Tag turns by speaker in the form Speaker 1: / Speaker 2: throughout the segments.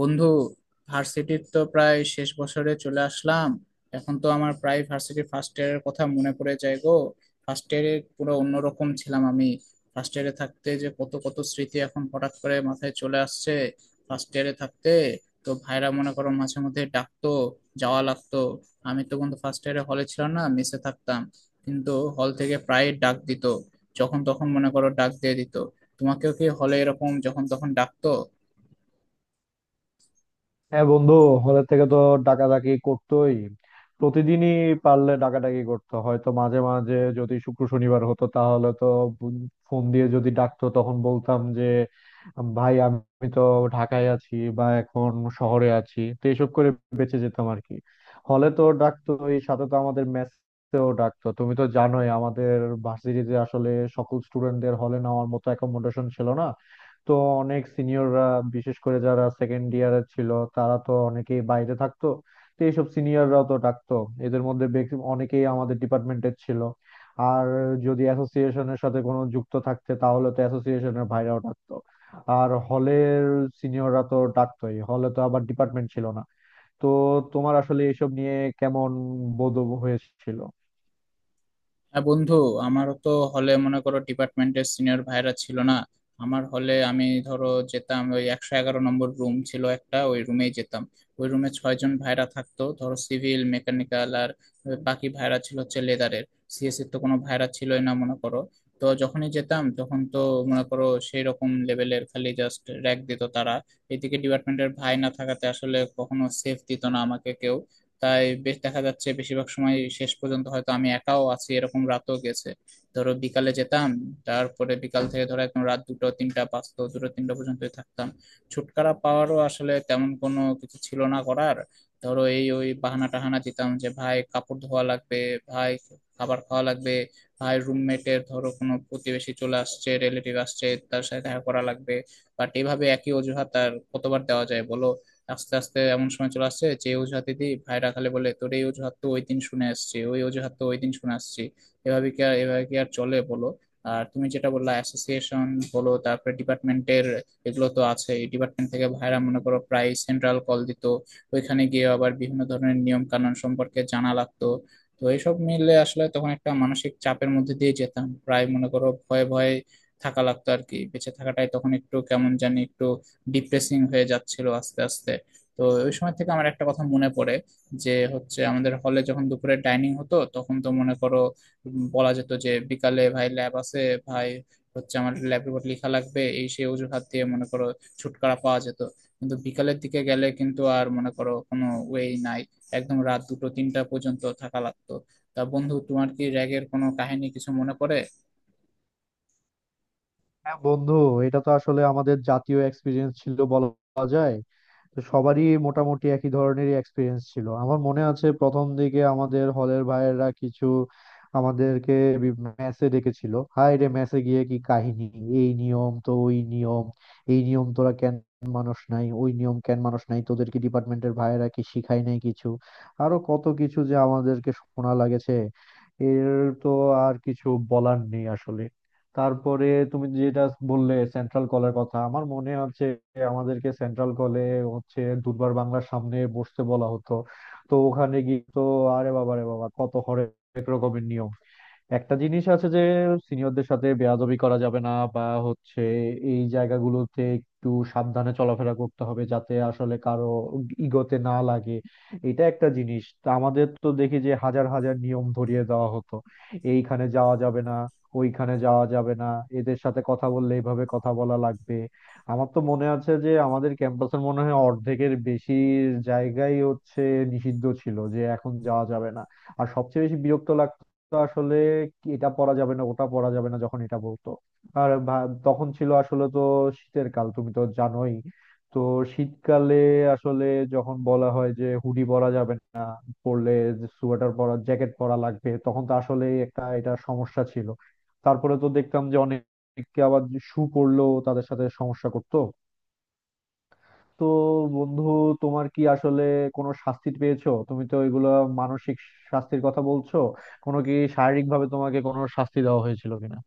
Speaker 1: বন্ধু, ভার্সিটির তো প্রায় শেষ বছরে চলে আসলাম। এখন তো আমার প্রায় ভার্সিটির ফার্স্ট ইয়ারের কথা মনে পড়ে যায় গো। ফার্স্ট ইয়ারে পুরো অন্যরকম ছিলাম আমি। ফার্স্ট ইয়ারে থাকতে যে কত কত স্মৃতি এখন হঠাৎ করে মাথায় চলে আসছে। ফার্স্ট ইয়ারে থাকতে তো ভাইরা মনে করো মাঝে মধ্যে ডাকতো, যাওয়া লাগতো। আমি তো বন্ধু ফার্স্ট ইয়ারে হলে ছিলাম না, মেসে থাকতাম। কিন্তু হল থেকে প্রায় ডাক দিত, যখন তখন মনে করো ডাক দিয়ে দিত। তোমাকেও কি হলে এরকম যখন তখন ডাকতো?
Speaker 2: হ্যাঁ বন্ধু, হলের থেকে তো ডাকাডাকি করতোই, প্রতিদিনই পারলে ডাকাডাকি করতো। হয়তো মাঝে মাঝে যদি শুক্র শনিবার হতো তাহলে তো ফোন দিয়ে যদি ডাকতো তখন বলতাম যে ভাই, আমি তো ঢাকায় আছি বা এখন শহরে আছি। তো এসব করে বেঁচে যেতাম আর কি। হলে তো ডাকতোই, সাথে তো আমাদের মেসেও ডাকতো। তুমি তো জানোই, আমাদের ভার্সিটিতে আসলে সকল স্টুডেন্টদের হলে নেওয়ার মতো অ্যাকোমোডেশন ছিল না। তো অনেক সিনিয়ররা, বিশেষ করে যারা সেকেন্ড ইয়ারের ছিল, তারা তো অনেকেই বাইরে থাকতো। তো এইসব সিনিয়ররাও তো ডাকতো। এদের মধ্যে অনেকেই আমাদের ডিপার্টমেন্টের ছিল। আর যদি অ্যাসোসিয়েশনের সাথে কোনো যুক্ত থাকতে তাহলে তো অ্যাসোসিয়েশনের ভাইরাও ডাকতো। আর হলের সিনিয়ররা তো ডাকতোই, হলে তো আবার ডিপার্টমেন্ট ছিল না। তো তোমার আসলে এসব নিয়ে কেমন বোধ হয়েছিল?
Speaker 1: হ্যাঁ বন্ধু, আমারও তো হলে মনে করো ডিপার্টমেন্টের সিনিয়র ভাইরা ছিল না। আমার হলে আমি ধরো যেতাম ওই 111 নম্বর রুম ছিল একটা, ওই রুমেই যেতাম। ওই রুমে ছয়জন ভাইরা থাকতো, ধরো সিভিল মেকানিক্যাল আর ওই বাকি ভাইরা ছিল হচ্ছে লেদারের। সিএসসি তো কোনো ভাইরা ছিলই না মনে করো। তো যখনই যেতাম তখন তো মনে করো সেই রকম লেভেলের খালি জাস্ট র্যাগ দিত তারা। এদিকে ডিপার্টমেন্টের ভাই না থাকাতে আসলে কখনো সেফ দিত না আমাকে কেউ। তাই বেশ দেখা যাচ্ছে বেশিরভাগ সময় শেষ পর্যন্ত হয়তো আমি একাও আছি, এরকম রাতও গেছে। ধরো বিকালে যেতাম, তারপরে বিকাল থেকে ধরো একদম রাত দুটো তিনটা পাঁচটা দুটো তিনটা পর্যন্তই থাকতাম। ছুটকারা পাওয়ারও আসলে তেমন কোনো কিছু ছিল না করার। ধরো এই ওই বাহানা টাহানা দিতাম যে, ভাই কাপড় ধোয়া লাগবে, ভাই খাবার খাওয়া লাগবে, ভাই রুমমেটের ধরো কোনো প্রতিবেশী চলে আসছে, রিলেটিভ আসছে, তার সাথে দেখা করা লাগবে। বাট এইভাবে একই অজুহাত আর কতবার দেওয়া যায় বলো। আস্তে আস্তে এমন সময় চলে আসছে যে অজুহাত দিদি ভাইরা খালি বলে, তোর এই অজুহাত তো ওই দিন শুনে আসছি, ওই অজুহাত তো ওই দিন শুনে আসছি। এভাবে কি আর চলে বলো। আর তুমি যেটা বললা অ্যাসোসিয়েশন, বলো তারপরে ডিপার্টমেন্টের, এগুলো তো আছে। ডিপার্টমেন্ট থেকে ভাইরা মনে করো প্রায় সেন্ট্রাল কল দিত। ওইখানে গিয়ে আবার বিভিন্ন ধরনের নিয়ম কানুন সম্পর্কে জানা লাগতো। তো এইসব মিলে আসলে তখন একটা মানসিক চাপের মধ্যে দিয়ে যেতাম, প্রায় মনে করো ভয়ে ভয়ে থাকা লাগতো আর কি। বেঁচে থাকাটাই তখন একটু কেমন জানি একটু ডিপ্রেসিং হয়ে যাচ্ছিল আস্তে আস্তে। তো ওই সময় থেকে আমার একটা কথা মনে পড়ে, যে হচ্ছে আমাদের হলে যখন দুপুরে ডাইনিং হতো তখন তো মনে করো বলা যেত যে বিকালে ভাই ল্যাব আছে, ভাই হচ্ছে আমার ল্যাব রিপোর্ট লেখা লাগবে, এই সেই অজুহাত দিয়ে মনে করো ছুটকারা পাওয়া যেত। কিন্তু বিকালের দিকে গেলে কিন্তু আর মনে করো কোনো ওয়েই নাই। একদম রাত দুটো তিনটা পর্যন্ত থাকা লাগতো। তা বন্ধু, তোমার কি র্যাগের কোনো কাহিনী কিছু মনে পড়ে?
Speaker 2: হ্যাঁ বন্ধু, এটা তো আসলে আমাদের জাতীয় এক্সপিরিয়েন্স ছিল বলা যায়। তো সবারই মোটামুটি একই ধরনেরই এক্সপিরিয়েন্স ছিল। আমার মনে আছে প্রথম দিকে আমাদের হলের ভাইয়েরা কিছু আমাদেরকে মেসে ডেকেছিল। হাই রে, মেসে গিয়ে কি কাহিনী! এই নিয়ম তো ওই নিয়ম, এই নিয়ম তোরা কেন মানুষ নাই, ওই নিয়ম কেন মানুষ নাই, তোদেরকে ডিপার্টমেন্টের ভাইয়েরা কি শিখায় নাই কিছু? আরো কত কিছু যে আমাদেরকে শোনা লাগেছে, এর তো আর কিছু বলার নেই আসলে। তারপরে তুমি যেটা বললে সেন্ট্রাল কলের কথা, আমার মনে আছে আমাদেরকে সেন্ট্রাল কলে হচ্ছে দুর্বার বাংলার সামনে বসতে বলা হতো। তো ওখানে গিয়ে তো আরে বাবা রে বাবা, কত হরেক রকমের নিয়ম। একটা জিনিস আছে যে সিনিয়রদের সাথে বেয়াদবি করা যাবে না, বা হচ্ছে এই জায়গাগুলোতে একটু সাবধানে চলাফেরা করতে হবে যাতে আসলে কারো ইগোতে না লাগে। এটা একটা জিনিস। তা আমাদের তো দেখি যে হাজার হাজার নিয়ম ধরিয়ে দেওয়া হতো। এইখানে যাওয়া যাবে না, ওইখানে যাওয়া যাবে না, এদের সাথে কথা বললে এইভাবে কথা বলা লাগবে। আমার তো মনে আছে যে আমাদের ক্যাম্পাসের মনে হয় অর্ধেকের বেশি জায়গাই হচ্ছে নিষিদ্ধ ছিল, যে এখন যাওয়া যাবে না। আর সবচেয়ে বেশি বিরক্ত লাগতো তো আসলে এটা পরা যাবে না, ওটা পরা যাবে না যখন এটা বলতো। আর তখন ছিল আসলে তো শীতের কাল, তুমি তো জানোই। তো শীতকালে আসলে যখন বলা হয় যে হুডি পরা যাবে না, পরলে সোয়েটার পরা, জ্যাকেট পরা লাগবে, তখন তো আসলে একটা এটা সমস্যা ছিল। তারপরে তো দেখতাম যে অনেকে আবার শু পরলেও তাদের সাথে সমস্যা করতো। তো বন্ধু, তোমার কি আসলে কোনো শাস্তি পেয়েছো? তুমি তো এগুলো মানসিক শাস্তির কথা বলছো, কোনো কি শারীরিক ভাবে তোমাকে কোনো শাস্তি দেওয়া হয়েছিল কিনা?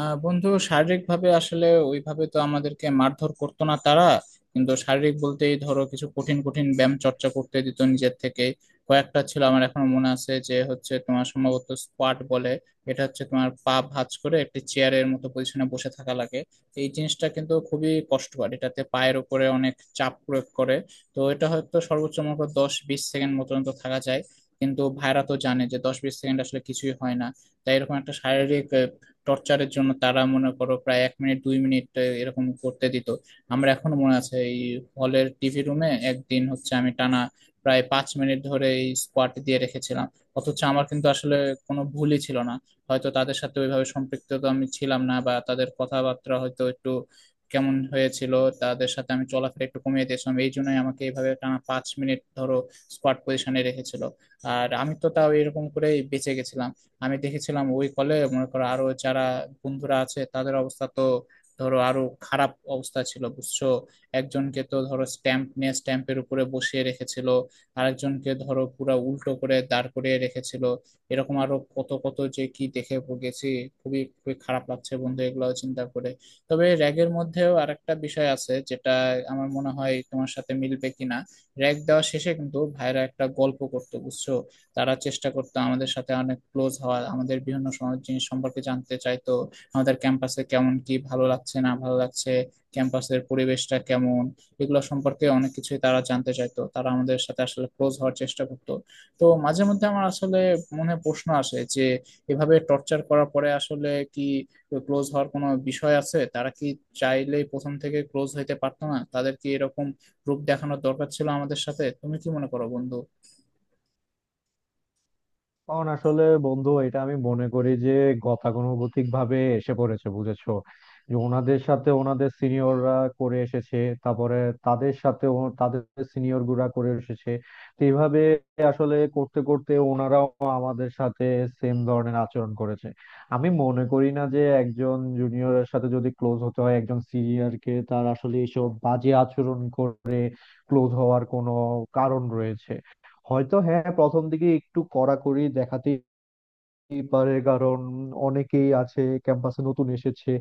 Speaker 1: বন্ধু, শারীরিক ভাবে আসলে ওইভাবে তো আমাদেরকে মারধর করতো না তারা। কিন্তু শারীরিক বলতেই ধরো কিছু কঠিন কঠিন ব্যায়াম চর্চা করতে দিত নিজের থেকে। কয়েকটা ছিল আমার এখনো মনে আছে, যে হচ্ছে তোমার সম্ভবত স্কোয়াট বলে। এটা হচ্ছে তোমার পা ভাঁজ করে একটি চেয়ারের মতো পজিশনে বসে থাকা লাগে। এই জিনিসটা কিন্তু খুবই কষ্টকর, এটাতে পায়ের উপরে অনেক চাপ প্রয়োগ করে। তো এটা হয়তো সর্বোচ্চ মনে করো 10-20 সেকেন্ড মতো তো থাকা যায়। কিন্তু ভাইরা তো জানে যে 10-20 সেকেন্ড আসলে কিছুই হয় না। তাই এরকম একটা শারীরিক টর্চারের জন্য তারা মনে করো প্রায় 1 মিনিট 2 মিনিট এরকম করতে দিত। আমরা এখনো মনে আছে এই হলের টিভি রুমে একদিন হচ্ছে আমি টানা প্রায় 5 মিনিট ধরে এই স্কোয়াড দিয়ে রেখেছিলাম। অথচ আমার কিন্তু আসলে কোনো ভুলই ছিল না। হয়তো তাদের সাথে ওইভাবে সম্পৃক্ত তো আমি ছিলাম না, বা তাদের কথাবার্তা হয়তো একটু কেমন হয়েছিল, তাদের সাথে আমি চলাফেরা একটু কমিয়ে দিয়েছিলাম, এই জন্যই আমাকে এইভাবে টানা 5 মিনিট ধরো স্কোয়াড পজিশনে রেখেছিল। আর আমি তো তাও এরকম করে বেঁচে গেছিলাম। আমি দেখেছিলাম ওই কলে মনে করো আরো যারা বন্ধুরা আছে তাদের অবস্থা তো ধরো আরো খারাপ অবস্থা ছিল বুঝছো। একজনকে তো ধরো স্ট্যাম্প নিয়ে স্ট্যাম্পের উপরে বসিয়ে রেখেছিল, আরেকজনকে ধরো পুরা উল্টো করে দাঁড় করিয়ে রেখেছিল। এরকম আরো কত কত যে কি দেখে গেছি। খুবই খুবই খারাপ লাগছে বন্ধু এগুলো চিন্তা করে। তবে র্যাগের মধ্যেও আরেকটা বিষয় আছে, যেটা আমার মনে হয় তোমার সাথে মিলবে কিনা। র্যাগ দেওয়া শেষে কিন্তু ভাইরা একটা গল্প করতো বুঝছো। তারা চেষ্টা করতো আমাদের সাথে অনেক ক্লোজ হওয়ার, আমাদের বিভিন্ন সমাজ জিনিস সম্পর্কে জানতে চাইতো। আমাদের ক্যাম্পাসে কেমন, কি ভালো লাগছে না ভালো লাগছে, ক্যাম্পাসের পরিবেশটা কেমন, এগুলো সম্পর্কে অনেক কিছুই তারা জানতে চাইতো। তারা আমাদের সাথে আসলে ক্লোজ হওয়ার চেষ্টা করতো। তো মাঝে মধ্যে আমার আসলে মনে প্রশ্ন আসে যে, এভাবে টর্চার করার পরে আসলে কি ক্লোজ হওয়ার কোনো বিষয় আছে? তারা কি চাইলেই প্রথম থেকে ক্লোজ হইতে পারতো না? তাদের কি এরকম রূপ দেখানোর দরকার ছিল আমাদের সাথে? তুমি কি মনে করো বন্ধু?
Speaker 2: কারণ আসলে বন্ধু, এটা আমি মনে করি যে গতানুগতিক ভাবে এসে পড়েছে বুঝেছো। যে ওনাদের সাথে ওনাদের সিনিয়ররা করে এসেছে, তারপরে তাদের সাথে তাদের সিনিয়র গুলা করে এসেছে। তো এইভাবে আসলে করতে করতে ওনারাও আমাদের সাথে সেম ধরনের আচরণ করেছে। আমি মনে করি না যে একজন জুনিয়রের সাথে যদি ক্লোজ হতে হয় একজন সিনিয়রকে, তার আসলে এইসব বাজে আচরণ করে ক্লোজ হওয়ার কোনো কারণ রয়েছে। হয়তো হ্যাঁ, প্রথম দিকে একটু কড়াকড়ি দেখাতেই হতেই পারে, কারণ অনেকেই আছে ক্যাম্পাসে নতুন এসেছে।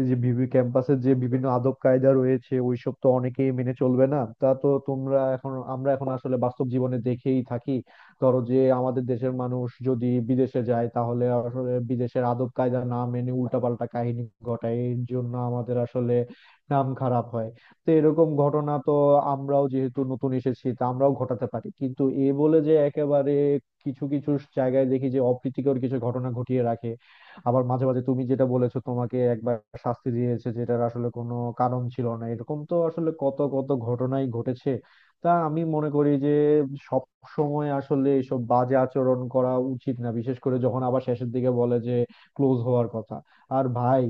Speaker 2: এই যে ক্যাম্পাসে যে বিভিন্ন আদব কায়দা রয়েছে, ওইসব তো অনেকেই মেনে চলবে না। তা তো তোমরা এখন আমরা এখন আসলে বাস্তব জীবনে দেখেই থাকি। ধরো যে আমাদের দেশের মানুষ যদি বিদেশে যায় তাহলে আসলে বিদেশের আদব কায়দা না মেনে উল্টাপাল্টা কাহিনী ঘটায়, এর জন্য আমাদের আসলে নাম খারাপ হয়। তো এরকম ঘটনা তো আমরাও যেহেতু নতুন এসেছি, তা আমরাও ঘটাতে পারি। কিন্তু এ বলে যে একেবারে কিছু কিছু জায়গায় দেখি যে অপ্রীতিকর কিছু ঘটনা ঘটিয়ে রাখে। আবার মাঝে মাঝে তুমি যেটা বলেছো, তোমাকে একবার শাস্তি দিয়েছে যেটার আসলে কোনো কারণ ছিল না, এরকম তো আসলে কত কত ঘটনাই ঘটেছে। তা আমি মনে করি যে সব সময় আসলে এসব বাজে আচরণ করা উচিত না, বিশেষ করে যখন আবার শেষের দিকে বলে যে ক্লোজ হওয়ার কথা। আর ভাই,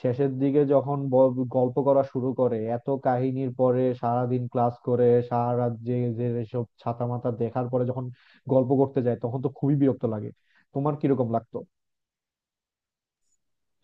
Speaker 2: শেষের দিকে যখন গল্প করা শুরু করে, এত কাহিনীর পরে, সারাদিন ক্লাস করে সারা রাত জেগে যে এসব ছাতা মাথা দেখার পরে যখন গল্প করতে যায় তখন তো খুবই বিরক্ত লাগে। তোমার কিরকম লাগতো?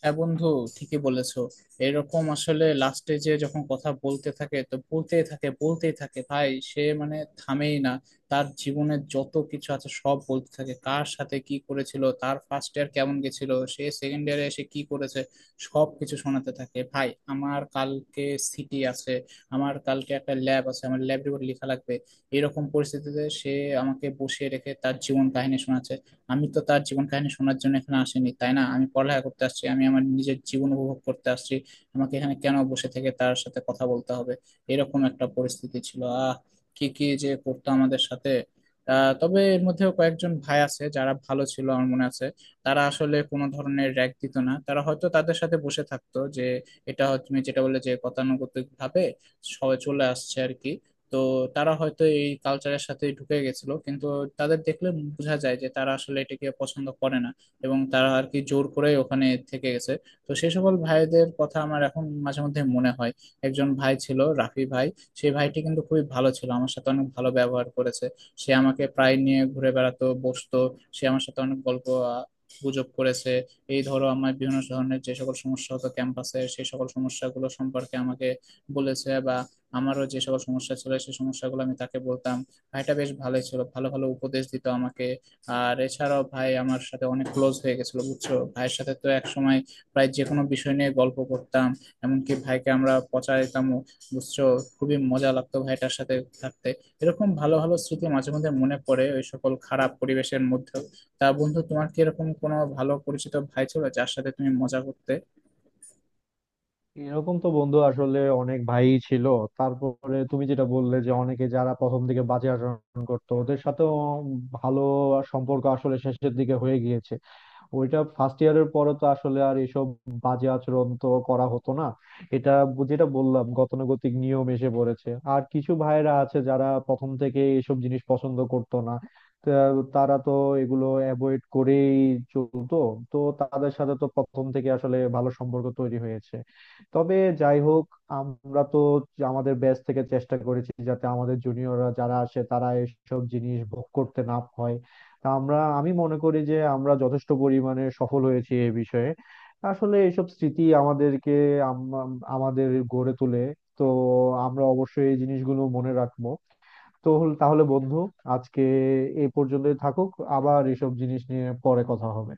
Speaker 1: হ্যাঁ বন্ধু, ঠিকই বলেছো। এরকম আসলে লাস্টে যে যখন কথা বলতে থাকে তো বলতেই থাকে বলতেই থাকে, ভাই সে মানে থামেই না। তার জীবনের যত কিছু আছে সব বলতে থাকে, কার সাথে কি করেছিল, তার ফার্স্ট ইয়ার কেমন গেছিল, সে সেকেন্ড ইয়ারে এসে কি করেছে, সব কিছু শোনাতে থাকে। ভাই আমার কালকে সিটি আছে, আমার কালকে একটা ল্যাব আছে, আমার ল্যাব রিপোর্ট লেখা লাগবে, এরকম পরিস্থিতিতে সে আমাকে বসিয়ে রেখে তার জীবন কাহিনী শোনাচ্ছে। আমি তো তার জীবন কাহিনী শোনার জন্য এখানে আসিনি, তাই না? আমি পড়ালেখা করতে আসছি, আমি আমার নিজের জীবন উপভোগ করতে আসছি। আমাকে এখানে কেন বসে থেকে তার সাথে কথা বলতে হবে? এরকম একটা পরিস্থিতি ছিল। কি কি যে করতো আমাদের সাথে। তবে এর মধ্যেও কয়েকজন ভাই আছে যারা ভালো ছিল আমার মনে আছে। তারা আসলে কোনো ধরনের র্যাগ দিত না। তারা হয়তো তাদের সাথে বসে থাকতো যে, এটা হয়তো তুমি যেটা বললে যে গতানুগতিক ভাবে সবাই চলে আসছে আর কি। তো তারা হয়তো এই কালচারের সাথে ঢুকে গেছিল, কিন্তু তাদের দেখলে বোঝা যায় যে তারা আসলে এটাকে পছন্দ করে না, এবং তারা আর কি জোর করে ওখানে থেকে গেছে। তো সেই সকল ভাইদের কথা আমার এখন মাঝে মধ্যে মনে হয়। একজন ভাই ছিল রাফি ভাই। সেই ভাইটি কিন্তু খুবই ভালো ছিল, আমার সাথে অনেক ভালো ব্যবহার করেছে। সে আমাকে প্রায় নিয়ে ঘুরে বেড়াতো, বসতো, সে আমার সাথে অনেক গল্প আহ, গুজব করেছে। এই ধরো আমার বিভিন্ন ধরনের যে সকল সমস্যা হতো ক্যাম্পাসে সেই সকল সমস্যাগুলো সম্পর্কে আমাকে বলেছে, বা আমারও যে সকল সমস্যা ছিল সেই সমস্যাগুলো আমি তাকে বলতাম। ভাইটা বেশ ভালোই ছিল, ভালো ভালো উপদেশ দিত আমাকে। আর এছাড়াও ভাই আমার সাথে অনেক ক্লোজ হয়ে গেছিল বুঝছো, ভাইয়ের সাথে তো এক সময় প্রায় যে কোনো বিষয় নিয়ে গল্প করতাম। এমনকি ভাইকে আমরা পচা দিতামও বুঝছো। খুবই মজা লাগতো ভাইটার সাথে থাকতে। এরকম ভালো ভালো স্মৃতি মাঝে মধ্যে মনে পড়ে ওই সকল খারাপ পরিবেশের মধ্যেও। তা বন্ধু, তোমার কি এরকম কোনো ভালো পরিচিত ভাই ছিল যার সাথে তুমি মজা করতে?
Speaker 2: এরকম তো বন্ধু আসলে অনেক ভাই ছিল। তারপরে তুমি যেটা বললে যে অনেকে যারা প্রথম দিকে বাজে আচরণ করতো, ওদের সাথেও ভালো সম্পর্ক আসলে শেষের দিকে হয়ে গিয়েছে। ওইটা ফার্স্ট ইয়ারের পরে তো আসলে আর এসব বাজে আচরণ তো করা হতো না। এটা যেটা বললাম গতানুগতিক নিয়ম এসে পড়েছে। আর কিছু ভাইরা আছে যারা প্রথম থেকে এসব জিনিস পছন্দ করতো না, তা তারা তো এগুলো অ্যাভয়েড করেই চলতো। তো তাদের সাথে তো প্রথম থেকে আসলে ভালো সম্পর্ক তৈরি হয়েছে। তবে যাই হোক, আমরা তো আমাদের ব্যাচ থেকে চেষ্টা করেছি যাতে আমাদের জুনিয়ররা যারা আসে তারা এসব জিনিস ভোগ করতে না হয়। তা আমি মনে করি যে আমরা যথেষ্ট পরিমাণে সফল হয়েছি এই বিষয়ে। আসলে এইসব স্মৃতি আমাদেরকে, আমাদের গড়ে তোলে। তো আমরা অবশ্যই এই জিনিসগুলো মনে রাখবো। তো তাহলে বন্ধু, আজকে এই পর্যন্তই থাকুক। আবার এসব জিনিস নিয়ে পরে কথা হবে।